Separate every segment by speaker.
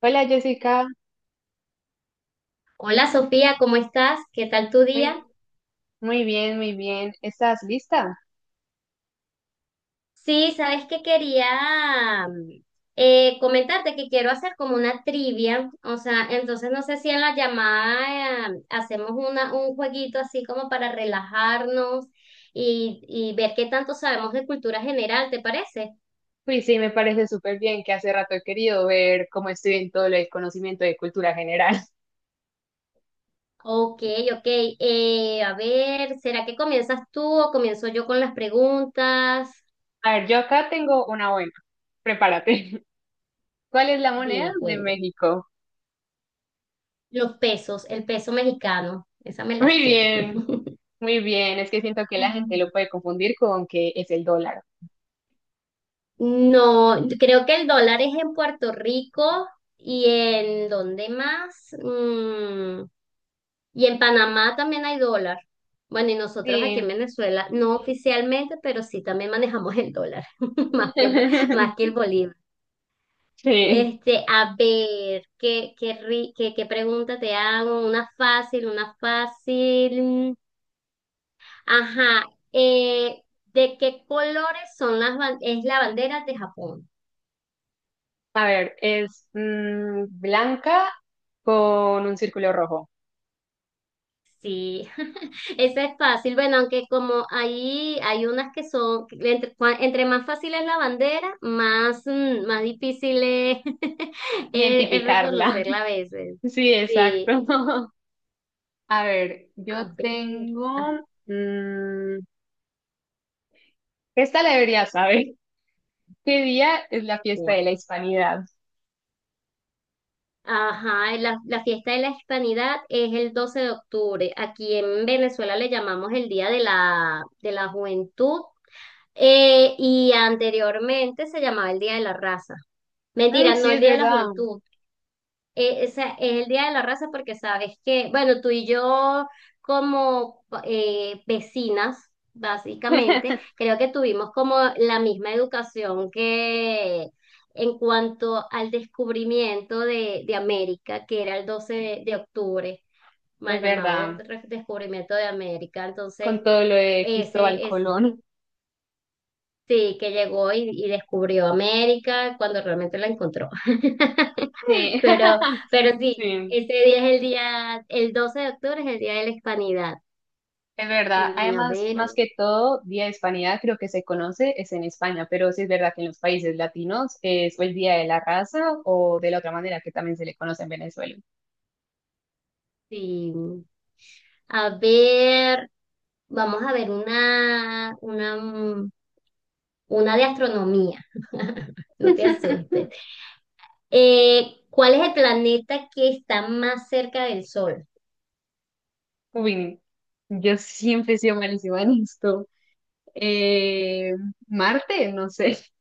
Speaker 1: Hola Jessica,
Speaker 2: Hola Sofía, ¿cómo estás? ¿Qué tal tu día?
Speaker 1: muy, muy bien, muy bien. ¿Estás lista?
Speaker 2: Sí, sabes que quería mm, comentarte que quiero hacer como una trivia, o sea, entonces no sé si en la llamada hacemos un jueguito así como para relajarnos y ver qué tanto sabemos de cultura general, ¿te parece?
Speaker 1: Pues sí, me parece súper bien que hace rato he querido ver cómo estoy en todo el conocimiento de cultura general.
Speaker 2: Ok, ok. A ver, ¿será que comienzas tú o comienzo yo con las preguntas?
Speaker 1: A ver, yo acá tengo una buena. Prepárate. ¿Cuál es la moneda
Speaker 2: Dime,
Speaker 1: de
Speaker 2: cuéntame.
Speaker 1: México?
Speaker 2: Los pesos, el peso mexicano, esa me la
Speaker 1: Muy
Speaker 2: sé.
Speaker 1: bien, muy bien. Es que siento que la gente lo puede confundir con que es el dólar.
Speaker 2: No, creo que el dólar es en Puerto Rico y en ¿dónde más? Y en Panamá también hay dólar. Bueno, y nosotros aquí en
Speaker 1: Sí.
Speaker 2: Venezuela, no oficialmente, pero sí también manejamos el dólar, más que el, bo- más que el bolívar.
Speaker 1: Sí.
Speaker 2: Este, a ver, ¿qué pregunta te hago? Una fácil, una fácil. Ajá, eh, ¿de qué colores son es la bandera de Japón?
Speaker 1: A ver, es blanca con un círculo rojo.
Speaker 2: Sí, esa es fácil. Bueno, aunque como ahí hay unas que son, entre más fácil es la bandera, más, más difícil es, es
Speaker 1: Identificarla.
Speaker 2: reconocerla a veces.
Speaker 1: Sí,
Speaker 2: Sí,
Speaker 1: exacto. A ver, yo
Speaker 2: a ver,
Speaker 1: tengo... mm, esta la debería saber. ¿Qué día es la fiesta
Speaker 2: Pascua.
Speaker 1: de la Hispanidad?
Speaker 2: Ajá, la fiesta de la hispanidad es el 12 de octubre. Aquí en Venezuela le llamamos el Día de la Juventud, y anteriormente se llamaba el Día de la Raza.
Speaker 1: Mm,
Speaker 2: Mentira,
Speaker 1: sí,
Speaker 2: no el
Speaker 1: es
Speaker 2: Día de la
Speaker 1: verdad.
Speaker 2: Juventud. O sea, es el Día de la Raza porque sabes que, bueno, tú y yo como vecinas, básicamente, creo que tuvimos como la misma educación que en cuanto al descubrimiento de América, que era el 12 de octubre,
Speaker 1: Es
Speaker 2: mal llamado
Speaker 1: verdad.
Speaker 2: descubrimiento de América.
Speaker 1: Con
Speaker 2: Entonces,
Speaker 1: todo lo de Cristóbal
Speaker 2: ese es,
Speaker 1: Colón.
Speaker 2: sí, que llegó y descubrió América cuando realmente la encontró.
Speaker 1: Sí,
Speaker 2: Pero, pero sí,
Speaker 1: sí,
Speaker 2: ese día es el día, el 12 de octubre es el día de la hispanidad.
Speaker 1: es verdad. Además,
Speaker 2: A
Speaker 1: más
Speaker 2: ver,
Speaker 1: que todo, Día de Hispanidad creo que se conoce es en España, pero sí es verdad que en los países latinos es o el Día de la Raza o de la otra manera que también se le conoce en Venezuela.
Speaker 2: sí. A ver, vamos a ver una, una de astronomía. No te asustes. ¿Cuál es el planeta que está más cerca del Sol?
Speaker 1: Uy, yo siempre he sido malísima en esto. Eh, Marte, no sé.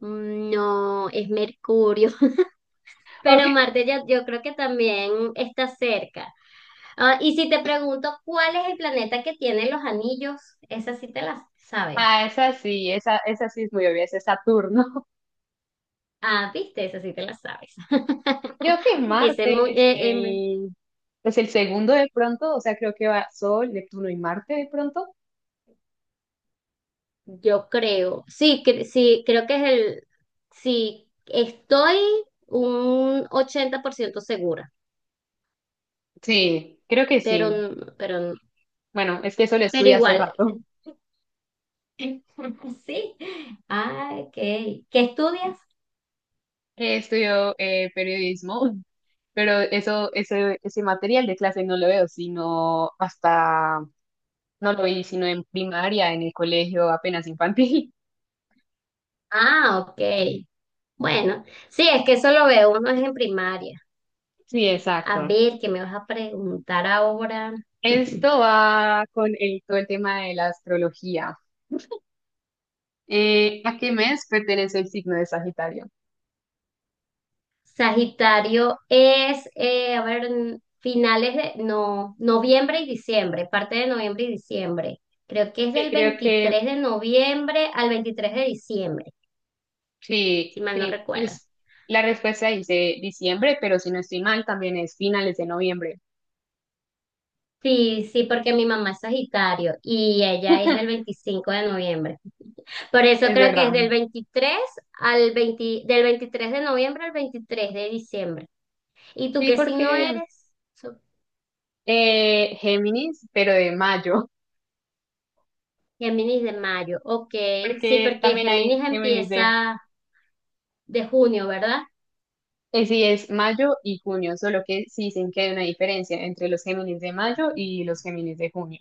Speaker 2: Mm, no, es Mercurio.
Speaker 1: Ok.
Speaker 2: Pero Marte ya, yo creo que también está cerca. Ah, y si te pregunto cuál es el planeta que tiene los anillos, esa sí te la sabes.
Speaker 1: Ah, esa sí, esa sí es muy obvia, esa es Saturno.
Speaker 2: Ah, viste, esa sí te la sabes.
Speaker 1: Creo que
Speaker 2: Ese es muy,
Speaker 1: Marte es el segundo de pronto, o sea, creo que va Sol, Neptuno y Marte de pronto.
Speaker 2: yo creo, sí, sí, creo que sí, estoy un 80% segura,
Speaker 1: Sí, creo que sí.
Speaker 2: pero, n- pero, n-
Speaker 1: Bueno, es que eso lo
Speaker 2: pero
Speaker 1: estudié hace
Speaker 2: igual,
Speaker 1: rato.
Speaker 2: sí. Ah, ok. ¿Qué estudias?
Speaker 1: Estudio periodismo, pero eso, ese material de clase no lo veo, no lo vi, sino en primaria, en el colegio apenas infantil.
Speaker 2: Ah, ok. Bueno, sí, es que eso lo ve uno es en primaria.
Speaker 1: Sí,
Speaker 2: A
Speaker 1: exacto.
Speaker 2: ver, ¿qué me vas a preguntar ahora?
Speaker 1: Esto va con el, todo el tema de la astrología. ¿A qué mes pertenece el signo de Sagitario?
Speaker 2: Sagitario es, a ver, finales de, no, noviembre y diciembre, parte de noviembre y diciembre. Creo que es
Speaker 1: Sí,
Speaker 2: del
Speaker 1: creo que
Speaker 2: 23 de noviembre al 23 de diciembre, si mal no
Speaker 1: sí.
Speaker 2: recuerdo.
Speaker 1: La respuesta dice diciembre, pero si no estoy mal, también es finales de noviembre.
Speaker 2: Sí, sí, porque mi mamá es Sagitario y ella es del 25 de noviembre. Por eso
Speaker 1: Es
Speaker 2: creo que es
Speaker 1: verdad.
Speaker 2: del 23 al 20 del 23 de noviembre al 23 de diciembre. ¿Y tú
Speaker 1: Sí,
Speaker 2: qué signo
Speaker 1: porque
Speaker 2: eres? So-
Speaker 1: Géminis, pero de mayo,
Speaker 2: Géminis de mayo, ok. Sí,
Speaker 1: porque
Speaker 2: porque
Speaker 1: también hay
Speaker 2: Géminis
Speaker 1: Géminis de...
Speaker 2: empieza de junio, ¿verdad?
Speaker 1: sí, es mayo y junio, solo que sí dicen que hay una diferencia entre los Géminis de mayo y los Géminis de junio.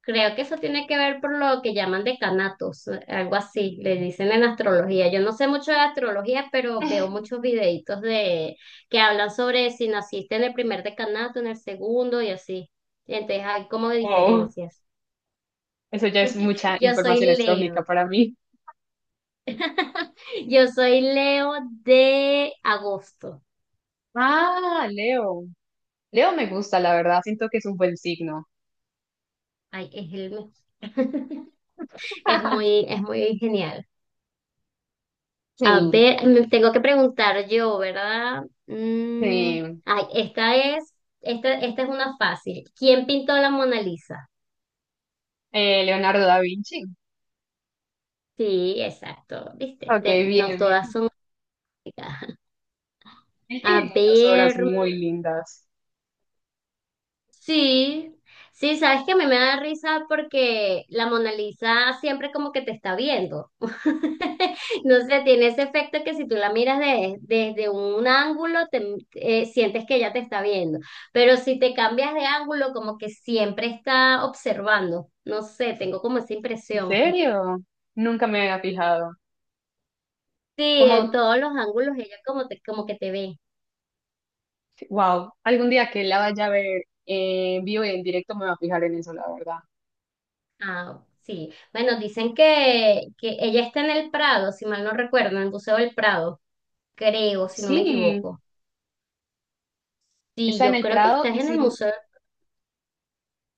Speaker 2: Creo que eso tiene que ver por lo que llaman decanatos, algo así, le dicen en astrología. Yo no sé mucho de astrología, pero veo muchos videitos de que hablan sobre si naciste en el primer decanato, en el segundo y así. Entonces hay como
Speaker 1: Wow.
Speaker 2: diferencias.
Speaker 1: Eso ya es mucha
Speaker 2: Yo soy
Speaker 1: información astrológica
Speaker 2: Leo.
Speaker 1: para mí.
Speaker 2: Yo soy Leo de agosto.
Speaker 1: Ah, Leo. Leo me gusta, la verdad. Siento que es un buen signo.
Speaker 2: Ay, es el mejor. Es muy genial. A
Speaker 1: Sí,
Speaker 2: ver, me tengo que preguntar yo, ¿verdad? Mm,
Speaker 1: sí.
Speaker 2: ay, esta es una fácil. ¿Quién pintó la Mona Lisa?
Speaker 1: Leonardo da Vinci.
Speaker 2: Sí, exacto, ¿viste?
Speaker 1: Ok,
Speaker 2: No
Speaker 1: bien,
Speaker 2: todas
Speaker 1: bien.
Speaker 2: son.
Speaker 1: Él
Speaker 2: A
Speaker 1: tiene muchas obras
Speaker 2: ver.
Speaker 1: muy lindas.
Speaker 2: Sí, sí, sabes que a mí me da risa porque la Mona Lisa siempre como que te está viendo. No sé, tiene ese efecto que si tú la miras desde un ángulo, te, sientes que ella te está viendo. Pero si te cambias de ángulo, como que siempre está observando. No sé, tengo como esa
Speaker 1: ¿En
Speaker 2: impresión.
Speaker 1: serio? Nunca me había fijado.
Speaker 2: Sí,
Speaker 1: Como,
Speaker 2: en todos los ángulos ella como, te, como que te ve.
Speaker 1: wow, algún día que la vaya a ver en vivo y en directo me voy a fijar en eso, la verdad.
Speaker 2: Ah, sí. Bueno, dicen que ella está en el Prado, si mal no recuerdo, en el Museo del Prado. Creo, si no me
Speaker 1: Sí,
Speaker 2: equivoco. Sí,
Speaker 1: está en
Speaker 2: yo
Speaker 1: el
Speaker 2: creo que
Speaker 1: Prado
Speaker 2: estás
Speaker 1: y
Speaker 2: en el museo,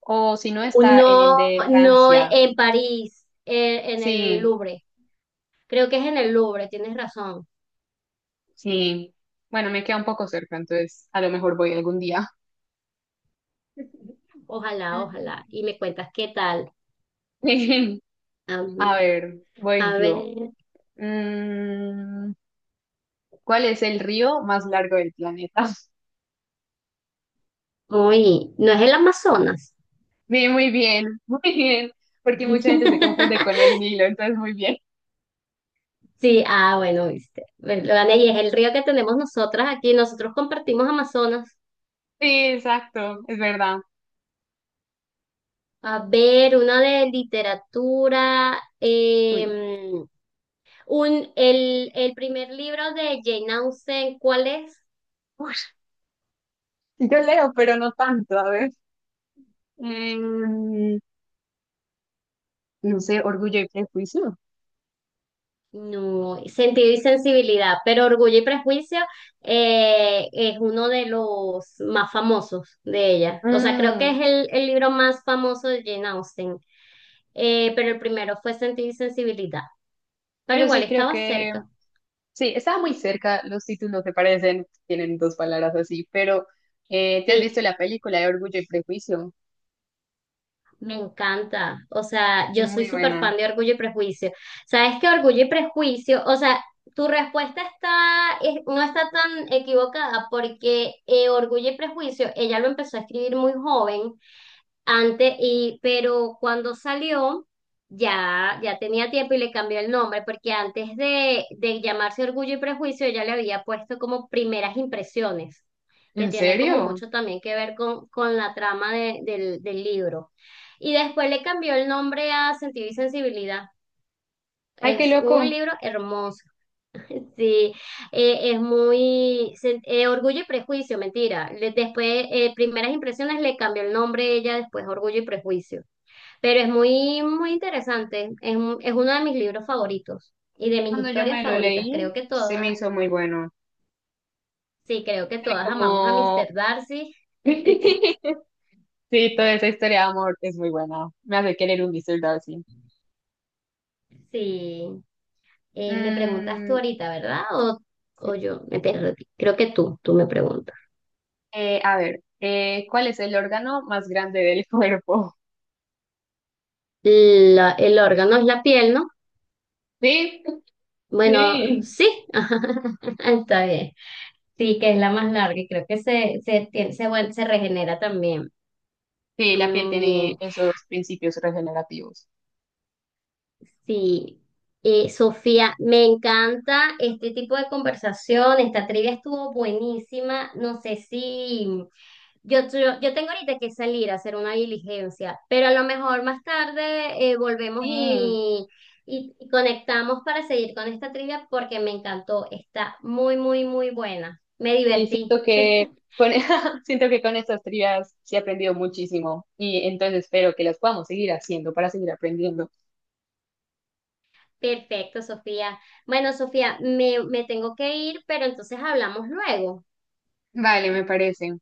Speaker 1: o si no está en el
Speaker 2: no,
Speaker 1: de
Speaker 2: no
Speaker 1: Francia.
Speaker 2: en París, en el
Speaker 1: Sí.
Speaker 2: Louvre. Creo que es en el Louvre, tienes razón.
Speaker 1: Sí, bueno, me queda un poco cerca, entonces a lo mejor voy algún día.
Speaker 2: Ojalá,
Speaker 1: Mm.
Speaker 2: ojalá. Y me cuentas qué tal. Am,
Speaker 1: A ver, voy
Speaker 2: a
Speaker 1: yo.
Speaker 2: ver,
Speaker 1: Mm, ¿Cuál es el río más largo del planeta?
Speaker 2: uy, ¿no es el Amazonas?
Speaker 1: Bien, muy bien, muy bien, porque mucha gente se confunde con el Nilo, entonces muy bien.
Speaker 2: Sí, ah, bueno, viste. Bueno, lo gané y es el río que tenemos nosotras aquí. Nosotros compartimos Amazonas.
Speaker 1: Sí, exacto, es verdad.
Speaker 2: A ver, una de literatura.
Speaker 1: Uy.
Speaker 2: El primer libro de Jane Austen, ¿cuál es?
Speaker 1: Uy, yo leo, pero no tanto, a ver. em, no sé, orgullo y prejuicio.
Speaker 2: No, Sentido y Sensibilidad, pero Orgullo y Prejuicio es uno de los más famosos de ella. O sea, creo que es
Speaker 1: Mm,
Speaker 2: el libro más famoso de Jane Austen. Pero el primero fue Sentido y Sensibilidad, pero
Speaker 1: pero
Speaker 2: igual
Speaker 1: sí creo
Speaker 2: estaba
Speaker 1: que
Speaker 2: cerca.
Speaker 1: sí, estaba muy cerca, los títulos se parecen, tienen dos palabras así, pero ¿te has
Speaker 2: Sí,
Speaker 1: visto la película de Orgullo y Prejuicio?
Speaker 2: me encanta. O sea, yo soy
Speaker 1: Muy
Speaker 2: súper
Speaker 1: buena.
Speaker 2: fan de Orgullo y Prejuicio. ¿Sabes qué? Orgullo y Prejuicio, o sea, tu respuesta está, es- no está tan equivocada porque Orgullo y Prejuicio, ella lo empezó a escribir muy joven antes, y, pero cuando salió, ya, ya tenía tiempo y le cambió el nombre, porque antes de llamarse Orgullo y Prejuicio, ella le había puesto como Primeras Impresiones, que
Speaker 1: ¿En
Speaker 2: tiene como
Speaker 1: serio?
Speaker 2: mucho también que ver con la trama del libro. Y después le cambió el nombre a Sentido y Sensibilidad.
Speaker 1: Ay, qué
Speaker 2: Es un
Speaker 1: loco.
Speaker 2: libro hermoso. Sí, Orgullo y Prejuicio, mentira. Después, Primeras Impresiones le cambió el nombre ella, después Orgullo y Prejuicio. Pero es muy, muy interesante. Es uno de mis libros favoritos y de mis
Speaker 1: Cuando yo
Speaker 2: historias
Speaker 1: me lo
Speaker 2: favoritas.
Speaker 1: leí,
Speaker 2: Creo que
Speaker 1: se me
Speaker 2: todas,
Speaker 1: hizo muy bueno.
Speaker 2: sí, creo que
Speaker 1: Tiene
Speaker 2: todas amamos a
Speaker 1: como...
Speaker 2: Mr. Darcy.
Speaker 1: Sí, toda esa historia de amor es muy buena. Me hace querer un Mr. Darcy.
Speaker 2: Sí, me preguntas tú
Speaker 1: Mm,
Speaker 2: ahorita, ¿verdad?
Speaker 1: sí.
Speaker 2: O yo me perdí. Creo que tú me preguntas.
Speaker 1: A ver, ¿cuál es el órgano más grande del cuerpo?
Speaker 2: El órgano es la piel, ¿no?
Speaker 1: Sí,
Speaker 2: Bueno,
Speaker 1: sí.
Speaker 2: sí, está bien. Sí, que es la más larga y creo que se, tiene- se, vuel- se regenera también.
Speaker 1: Sí, la piel
Speaker 2: Mm,
Speaker 1: tiene
Speaker 2: bien.
Speaker 1: esos principios regenerativos.
Speaker 2: Sí, Sofía, me encanta este tipo de conversación. Esta trivia estuvo buenísima. No sé si yo tengo ahorita que salir a hacer una diligencia, pero a lo mejor más tarde volvemos
Speaker 1: Sí,
Speaker 2: y conectamos para seguir con esta trivia porque me encantó. Está muy, muy, muy buena. Me
Speaker 1: sí,
Speaker 2: divertí.
Speaker 1: siento que con, siento que con estas trivias sí he aprendido muchísimo y entonces espero que las podamos seguir haciendo para seguir aprendiendo.
Speaker 2: Perfecto, Sofía. Bueno, Sofía, me tengo que ir, pero entonces hablamos luego.
Speaker 1: Vale, me parece.